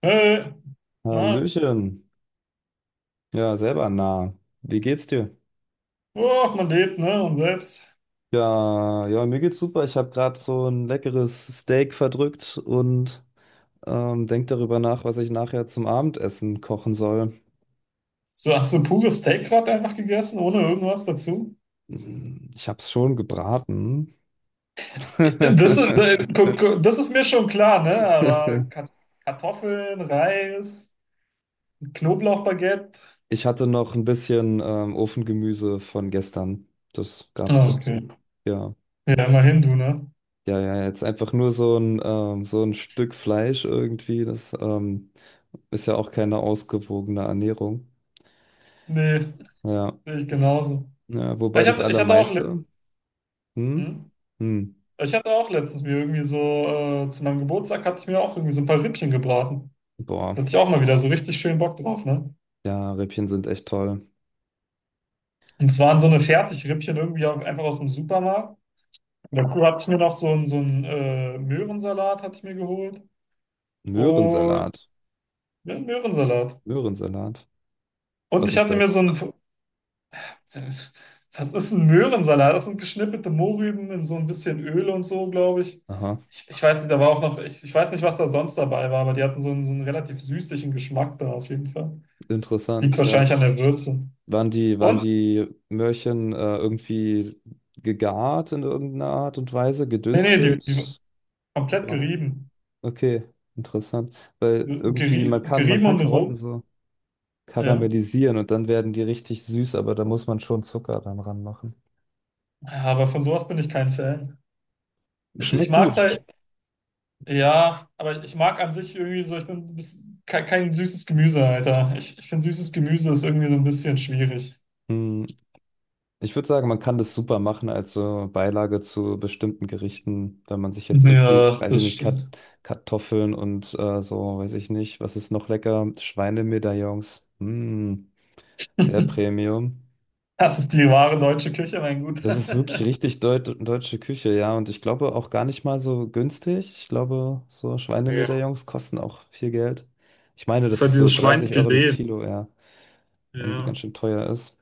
Hey, na, Hallöchen. Ja, selber nah. Wie geht's dir? oh, man lebt, ne? Und selbst. Ja, ja, mir geht's super. Ich habe gerade so ein leckeres Steak verdrückt und denk darüber nach, was ich nachher zum Abendessen kochen soll. So, hast du pures Steak gerade einfach gegessen, ohne irgendwas dazu? Ich hab's schon gebraten. Das ist, äh, gu- gu- das ist mir schon klar, ne? Aber Kartoffeln, Reis, Knoblauchbaguette. Ich hatte noch ein bisschen Ofengemüse von gestern. Das gab's Ah, dazu. okay. Ja. Ja, immerhin du, ne? Ja, ja, jetzt einfach nur so ein Stück Fleisch irgendwie, das ist ja auch keine ausgewogene Ernährung. Nee, Ja, sehe ich genauso. ja, wobei Ich das hatte, ich hatte auch, Allermeiste, hm? hm? Hm. Ich hatte auch letztens mir irgendwie so, zu meinem Geburtstag hatte ich mir auch irgendwie so ein paar Rippchen gebraten. Boah, Da hatte ich auch mal wieder so richtig schön Bock drauf, ne? ja, Rippchen sind echt toll. Und es waren so eine Fertigrippchen irgendwie auch einfach aus dem Supermarkt. Und dazu hatte ich mir noch so einen Möhrensalat hatte ich mir geholt. Und Möhrensalat, ja, einen Möhrensalat. Möhrensalat. Und Was ich ist hatte mir so das? einen. Was ist ein Möhrensalat? Das sind geschnippelte Mohrrüben in so ein bisschen Öl und so, glaube ich. Aha, Ich weiß nicht, da war auch noch, ich weiß nicht, was da sonst dabei war, aber die hatten so einen relativ süßlichen Geschmack da auf jeden Fall. Liegt interessant, ja. wahrscheinlich an der Würze. Waren Und, die Möhrchen irgendwie gegart in irgendeiner Art und Weise, nee, nee, die gedünstet, komplett gebraten? gerieben. Okay, interessant. Weil irgendwie, man kann, man Gerieben kann und Karotten roh. so Ja. karamellisieren und dann werden die richtig süß, aber da muss man schon Zucker dann ranmachen. Ja, aber von sowas bin ich kein Fan. Ich Schmeckt mag's gut. halt, ja, aber ich mag an sich irgendwie so, ich bin kein süßes Gemüse, Alter. Ich finde süßes Gemüse ist irgendwie so ein bisschen schwierig. Hm, Ich würde sagen, man kann das super machen als so Beilage zu bestimmten Gerichten, wenn man sich jetzt irgendwie, Ja, weiß ich das nicht, Kat stimmt. Kartoffeln und so, weiß ich nicht, was ist noch lecker? Schweinemedaillons. Hm, sehr Premium. Das ist die wahre deutsche Küche, mein Das ist wirklich Guter. richtig deutsche Küche, ja. Und ich glaube auch gar nicht mal so günstig. Ich glaube, so Ja. Schweinemedaillons kosten auch viel Geld. Ich meine, Das ist das halt ist so dieses 30 Euro das Schweinefilet. Kilo, ja, irgendwie ganz Ja. schön teuer ist.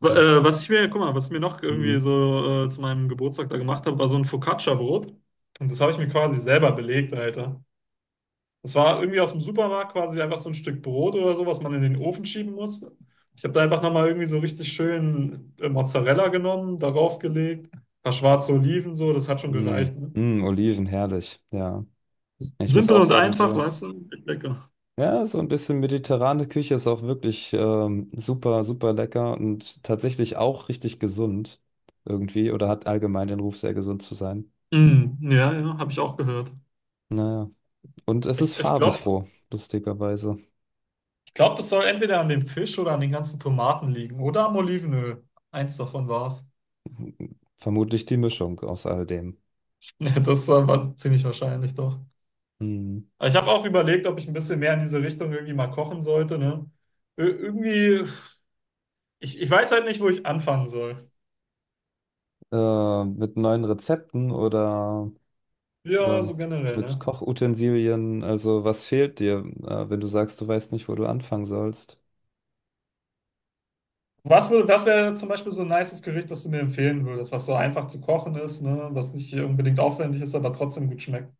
Aber, Ja. Was ich mir, guck mal, was ich mir noch irgendwie Mhm. so zu meinem Geburtstag da gemacht habe, war so ein Focaccia-Brot. Und das habe ich mir quasi selber belegt, Alter. Das war irgendwie aus dem Supermarkt quasi einfach so ein Stück Brot oder so, was man in den Ofen schieben muss. Ich habe da einfach nochmal irgendwie so richtig schön Mozzarella genommen, darauf gelegt, ein paar schwarze Oliven, so, das hat schon Mhm. gereicht. Ne? Mhm, Oliven, herrlich, ja. Ich muss Simpel auch und sagen, einfach, so, weißt du? Echt lecker. ja, so ein bisschen mediterrane Küche ist auch wirklich super, super lecker und tatsächlich auch richtig gesund irgendwie oder hat allgemein den Ruf, sehr gesund zu sein. Mm, ja, ja, habe ich auch gehört. Naja, und es ist Ich, ich glaube, farbenfroh, lustigerweise. ich glaub, das soll entweder an dem Fisch oder an den ganzen Tomaten liegen oder am Olivenöl. Eins davon war es. Vermutlich die Mischung aus all dem. Ja, das war ziemlich wahrscheinlich doch. Hm. Aber ich habe auch überlegt, ob ich ein bisschen mehr in diese Richtung irgendwie mal kochen sollte, ne? Irgendwie. Ich weiß halt nicht, wo ich anfangen soll. Mit neuen Rezepten oder Ja, so ähm, generell, ne? mit Kochutensilien, also was fehlt dir, wenn du sagst, du weißt nicht, wo du anfangen sollst? Was wäre zum Beispiel so ein nices Gericht, das du mir empfehlen würdest, was so einfach zu kochen ist, ne? Was nicht unbedingt aufwendig ist, aber trotzdem gut schmeckt?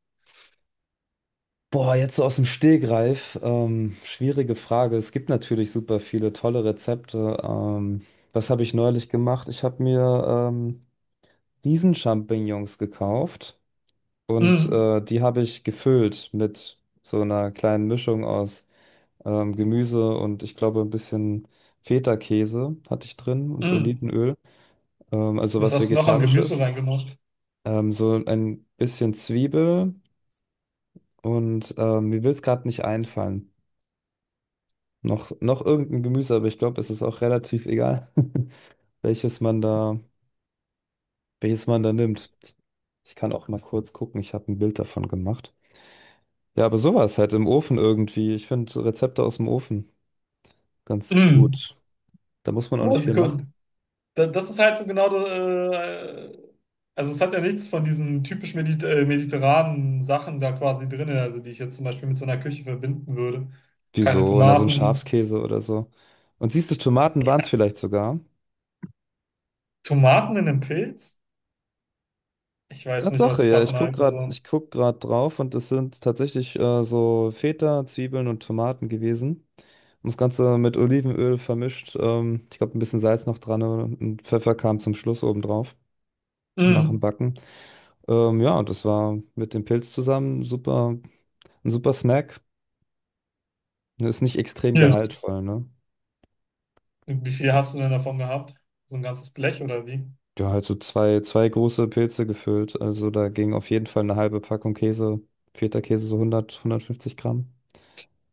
Boah, jetzt so aus dem Stegreif, schwierige Frage. Es gibt natürlich super viele tolle Rezepte. Was habe ich neulich gemacht? Ich habe mir Riesenchampignons gekauft und Mm, die habe ich gefüllt mit so einer kleinen Mischung aus Gemüse und ich glaube ein bisschen Feta-Käse hatte ich drin und mm. Olivenöl, also Was was hast du noch an Gemüse Vegetarisches. reingemacht? So ein bisschen Zwiebel und mir will es gerade nicht einfallen. Noch irgendein Gemüse, aber ich glaube, es ist auch relativ egal, welches man da, welches man da nimmt. Ich kann auch mal kurz gucken, ich habe ein Bild davon gemacht. Ja, aber sowas halt im Ofen irgendwie. Ich finde Rezepte aus dem Ofen ganz Mm. gut. Da muss man auch nicht Aber viel gut. machen. Das ist halt so genau das, also es hat ja nichts von diesen typisch mediterranen Sachen da quasi drin, also die ich jetzt zum Beispiel mit so einer Küche verbinden würde. Keine Wieso? Na, so ein Tomaten. Schafskäse oder so. Und siehst du, Tomaten waren es vielleicht sogar. Tomaten in einem Pilz? Ich weiß nicht, was Tatsache, ich ja, ich davon guck halten gerade, soll. ich guck gerade drauf und es sind tatsächlich so Feta, Zwiebeln und Tomaten gewesen. Und das Ganze mit Olivenöl vermischt. Ich glaube, ein bisschen Salz noch dran und Pfeffer kam zum Schluss obendrauf nach dem Mhm. Backen. Ja, und das war mit dem Pilz zusammen super, ein super Snack. Ist nicht extrem Ja. gehaltvoll, ne? Wie viel hast du denn davon gehabt? So ein ganzes Blech oder wie? Ja, halt so zwei große Pilze gefüllt. Also da ging auf jeden Fall eine halbe Packung Käse, Feta-Käse, so 100, 150 Gramm,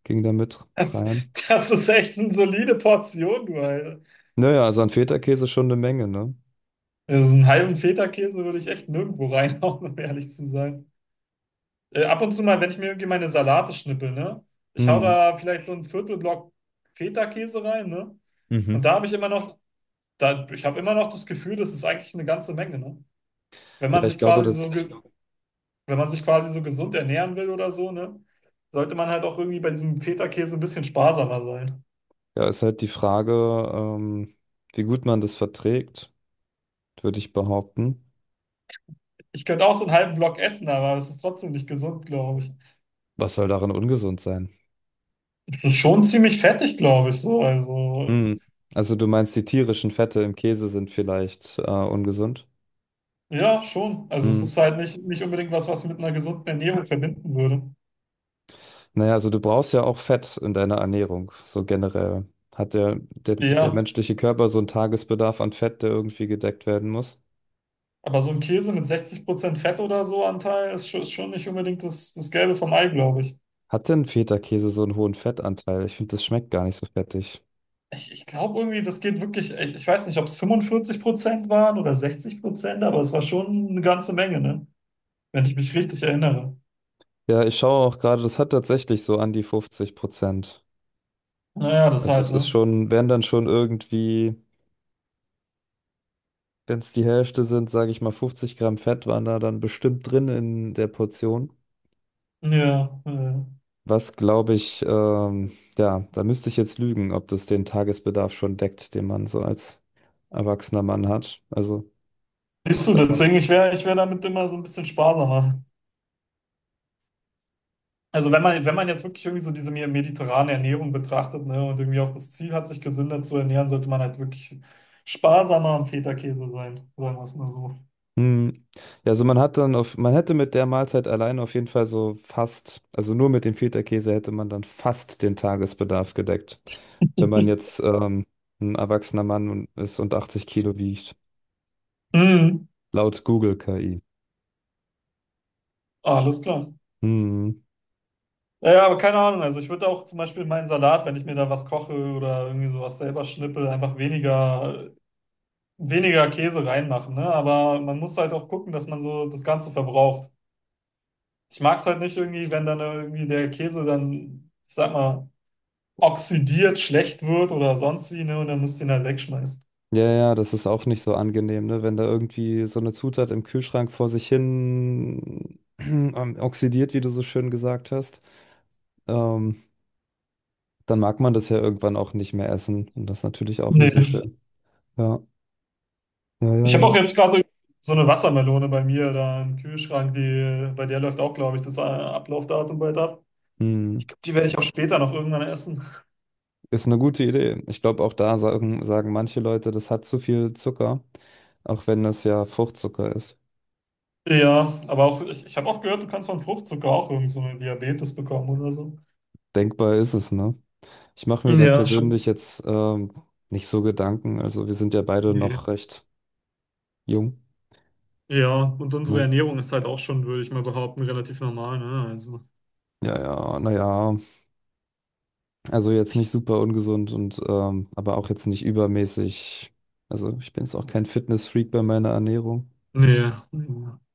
ging da mit Das, rein. das ist echt eine solide Portion, du Alter. Naja, also an Feta-Käse schon eine Menge, ne? Also so einen halben Feta-Käse würde ich echt nirgendwo reinhauen, um ehrlich zu sein. Ab und zu mal, wenn ich mir irgendwie meine Salate schnippel, ne? Ich hau Mhm. da vielleicht so einen Viertelblock Feta-Käse rein, ne? Und Mhm. da habe ich immer noch, da, ich habe immer noch das Gefühl, das ist eigentlich eine ganze Menge, ne? Wenn man Ja, ich sich glaube, quasi so das ge- Wenn man sich quasi so gesund ernähren will oder so, ne, sollte man halt auch irgendwie bei diesem Feta-Käse ein bisschen sparsamer sein. ja, ist halt die Frage, ähm, wie gut man das verträgt, würde ich behaupten. Ich könnte auch so einen halben Block essen, aber es ist trotzdem nicht gesund, glaube ich. Was soll darin ungesund sein? Es ist schon ziemlich fettig, glaube ich, so. Also, Mhm. Also du meinst, die tierischen Fette im Käse sind vielleicht ungesund? ja, schon. Also, es ist halt nicht unbedingt was, was ich mit einer gesunden Ernährung verbinden würde. Naja, also du brauchst ja auch Fett in deiner Ernährung, so generell. Hat der Ja, menschliche Körper so einen Tagesbedarf an Fett, der irgendwie gedeckt werden muss? aber so ein Käse mit 60% Fett oder so Anteil ist, ist schon nicht unbedingt das Gelbe vom Ei, glaube ich. Hat denn Feta-Käse so einen hohen Fettanteil? Ich finde, das schmeckt gar nicht so fettig. Ich glaube irgendwie, das geht wirklich, ich weiß nicht, ob es 45% waren oder 60%, aber es war schon eine ganze Menge, ne? Wenn ich mich richtig erinnere. Ja, ich schaue auch gerade, das hat tatsächlich so an die 50%. Naja, das Also es halt, ist ne? schon, wären dann schon irgendwie, wenn es die Hälfte sind, sage ich mal, 50 Gramm Fett waren da dann bestimmt drin in der Portion. Ja, ja. Was glaube ich, ja, da müsste ich jetzt lügen, ob das den Tagesbedarf schon deckt, den man so als erwachsener Mann hat. Also, Siehst du, äh, deswegen, ich wär damit immer so ein bisschen sparsamer. Also wenn man jetzt wirklich irgendwie so diese mediterrane Ernährung betrachtet, ne, und irgendwie auch das Ziel hat, sich gesünder zu ernähren, sollte man halt wirklich sparsamer am Feta-Käse sein, sagen wir es mal so. hm, ja, also man hat dann auf, man hätte mit der Mahlzeit allein auf jeden Fall so fast, also nur mit dem Feta-Käse hätte man dann fast den Tagesbedarf gedeckt. Wenn man jetzt ein erwachsener Mann ist und 80 Kilo wiegt, Mhm. laut Google KI. Alles klar. Hm. Ja, ja, aber keine Ahnung. Also ich würde auch zum Beispiel meinen Salat, wenn ich mir da was koche oder irgendwie sowas selber schnippel, einfach weniger, weniger Käse reinmachen, ne? Aber man muss halt auch gucken, dass man so das Ganze verbraucht. Ich mag es halt nicht irgendwie, wenn dann irgendwie der Käse dann, ich sag mal, oxidiert, schlecht wird oder sonst wie, ne? Und dann musst du ihn halt wegschmeißen. Ja, ja, das ist auch nicht so angenehm, ne? Wenn da irgendwie so eine Zutat im Kühlschrank vor sich hin oxidiert, wie du so schön gesagt hast, ähm, dann mag man das ja irgendwann auch nicht mehr essen. Und das ist natürlich auch nicht so Nee. schön. Ja, ja, ja, Ich habe auch ja. jetzt gerade so eine Wassermelone bei mir da im Kühlschrank, die, bei der läuft auch, glaube ich, das Ablaufdatum bald ab. Hm. Ich glaube, die werde ich auch später noch irgendwann essen. Ist eine gute Idee. Ich glaube, auch da sagen manche Leute, das hat zu viel Zucker, auch wenn das ja Fruchtzucker ist. Ja, aber auch, ich habe auch gehört, du kannst von Fruchtzucker auch irgend so eine Diabetes bekommen oder so. Denkbar ist es, ne? Ich mache mir da Ja, persönlich schon. jetzt nicht so Gedanken. Also wir sind ja beide noch recht jung. Ja, und unsere Ne? Ernährung ist halt auch schon, würde ich mal behaupten, relativ normal, ne? Also, Ja, ja, naja, also jetzt nicht super ungesund und aber auch jetzt nicht übermäßig. Also ich bin jetzt auch kein Fitness-Freak bei meiner Ernährung. nee.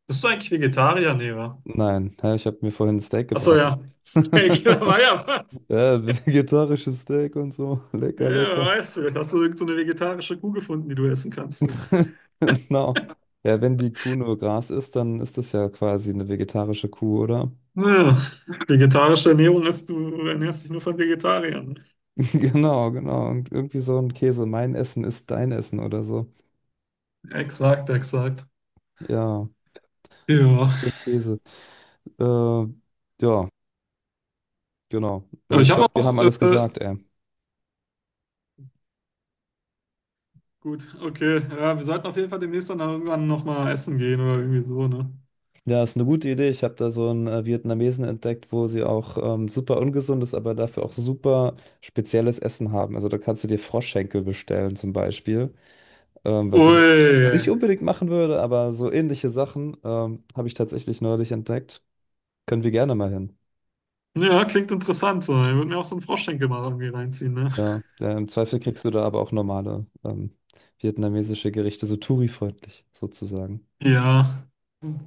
Bist du eigentlich Vegetarier? Nee, wa? Nein, ja, ich habe mir vorhin ein Steak Achso, ja. gebraten. Steak, da war ja was. Ja, vegetarisches Steak und so. Ja, Lecker, wer lecker. weiß, vielleicht hast du irgend so eine vegetarische Kuh gefunden, die du essen kannst. Du. Genau. Ja, wenn die Kuh nur Gras isst, dann ist das ja quasi eine vegetarische Kuh, oder? Ja, vegetarische Ernährung ist, du ernährst dich nur von Vegetariern. Genau, genau. Und irgendwie so ein Käse. Mein Essen ist dein Essen oder so. Exakt, exakt. Ja, was für Ja. ein Käse. Äh, ja. Genau. Also Aber ich ich habe glaube, wir haben auch alles gesagt, ey. gut, okay. Ja, wir sollten auf jeden Fall demnächst dann irgendwann nochmal essen gehen oder irgendwie so, ne? Ja, ist eine gute Idee. Ich habe da so einen Vietnamesen entdeckt, wo sie auch super ungesundes, aber dafür auch super spezielles Essen haben. Also da kannst du dir Froschschenkel bestellen zum Beispiel, was ich jetzt Ui. nicht unbedingt machen würde, aber so ähnliche Sachen habe ich tatsächlich neulich entdeckt. Können wir gerne mal hin. Ja, klingt interessant. So. Ich würde mir auch so einen Froschschenkel mal irgendwie reinziehen, ne? Ja, ja, im Zweifel kriegst du da aber auch normale vietnamesische Gerichte, so Touri-freundlich sozusagen. Ja,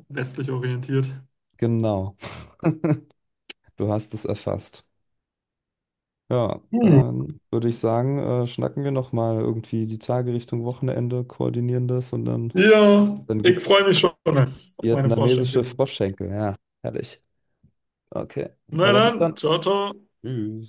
westlich orientiert. Genau, du hast es erfasst. Ja, Hm. dann würde ich sagen, schnacken wir nochmal irgendwie die Tage Richtung Wochenende, koordinieren das und dann, Ja, dann ich freue gibt's mich schon auf meine Froschschenkel. vietnamesische Du. Froschschenkel. Ja, herrlich. Okay. Na Na dann dann, bis dann. ciao, ciao. Tschüss.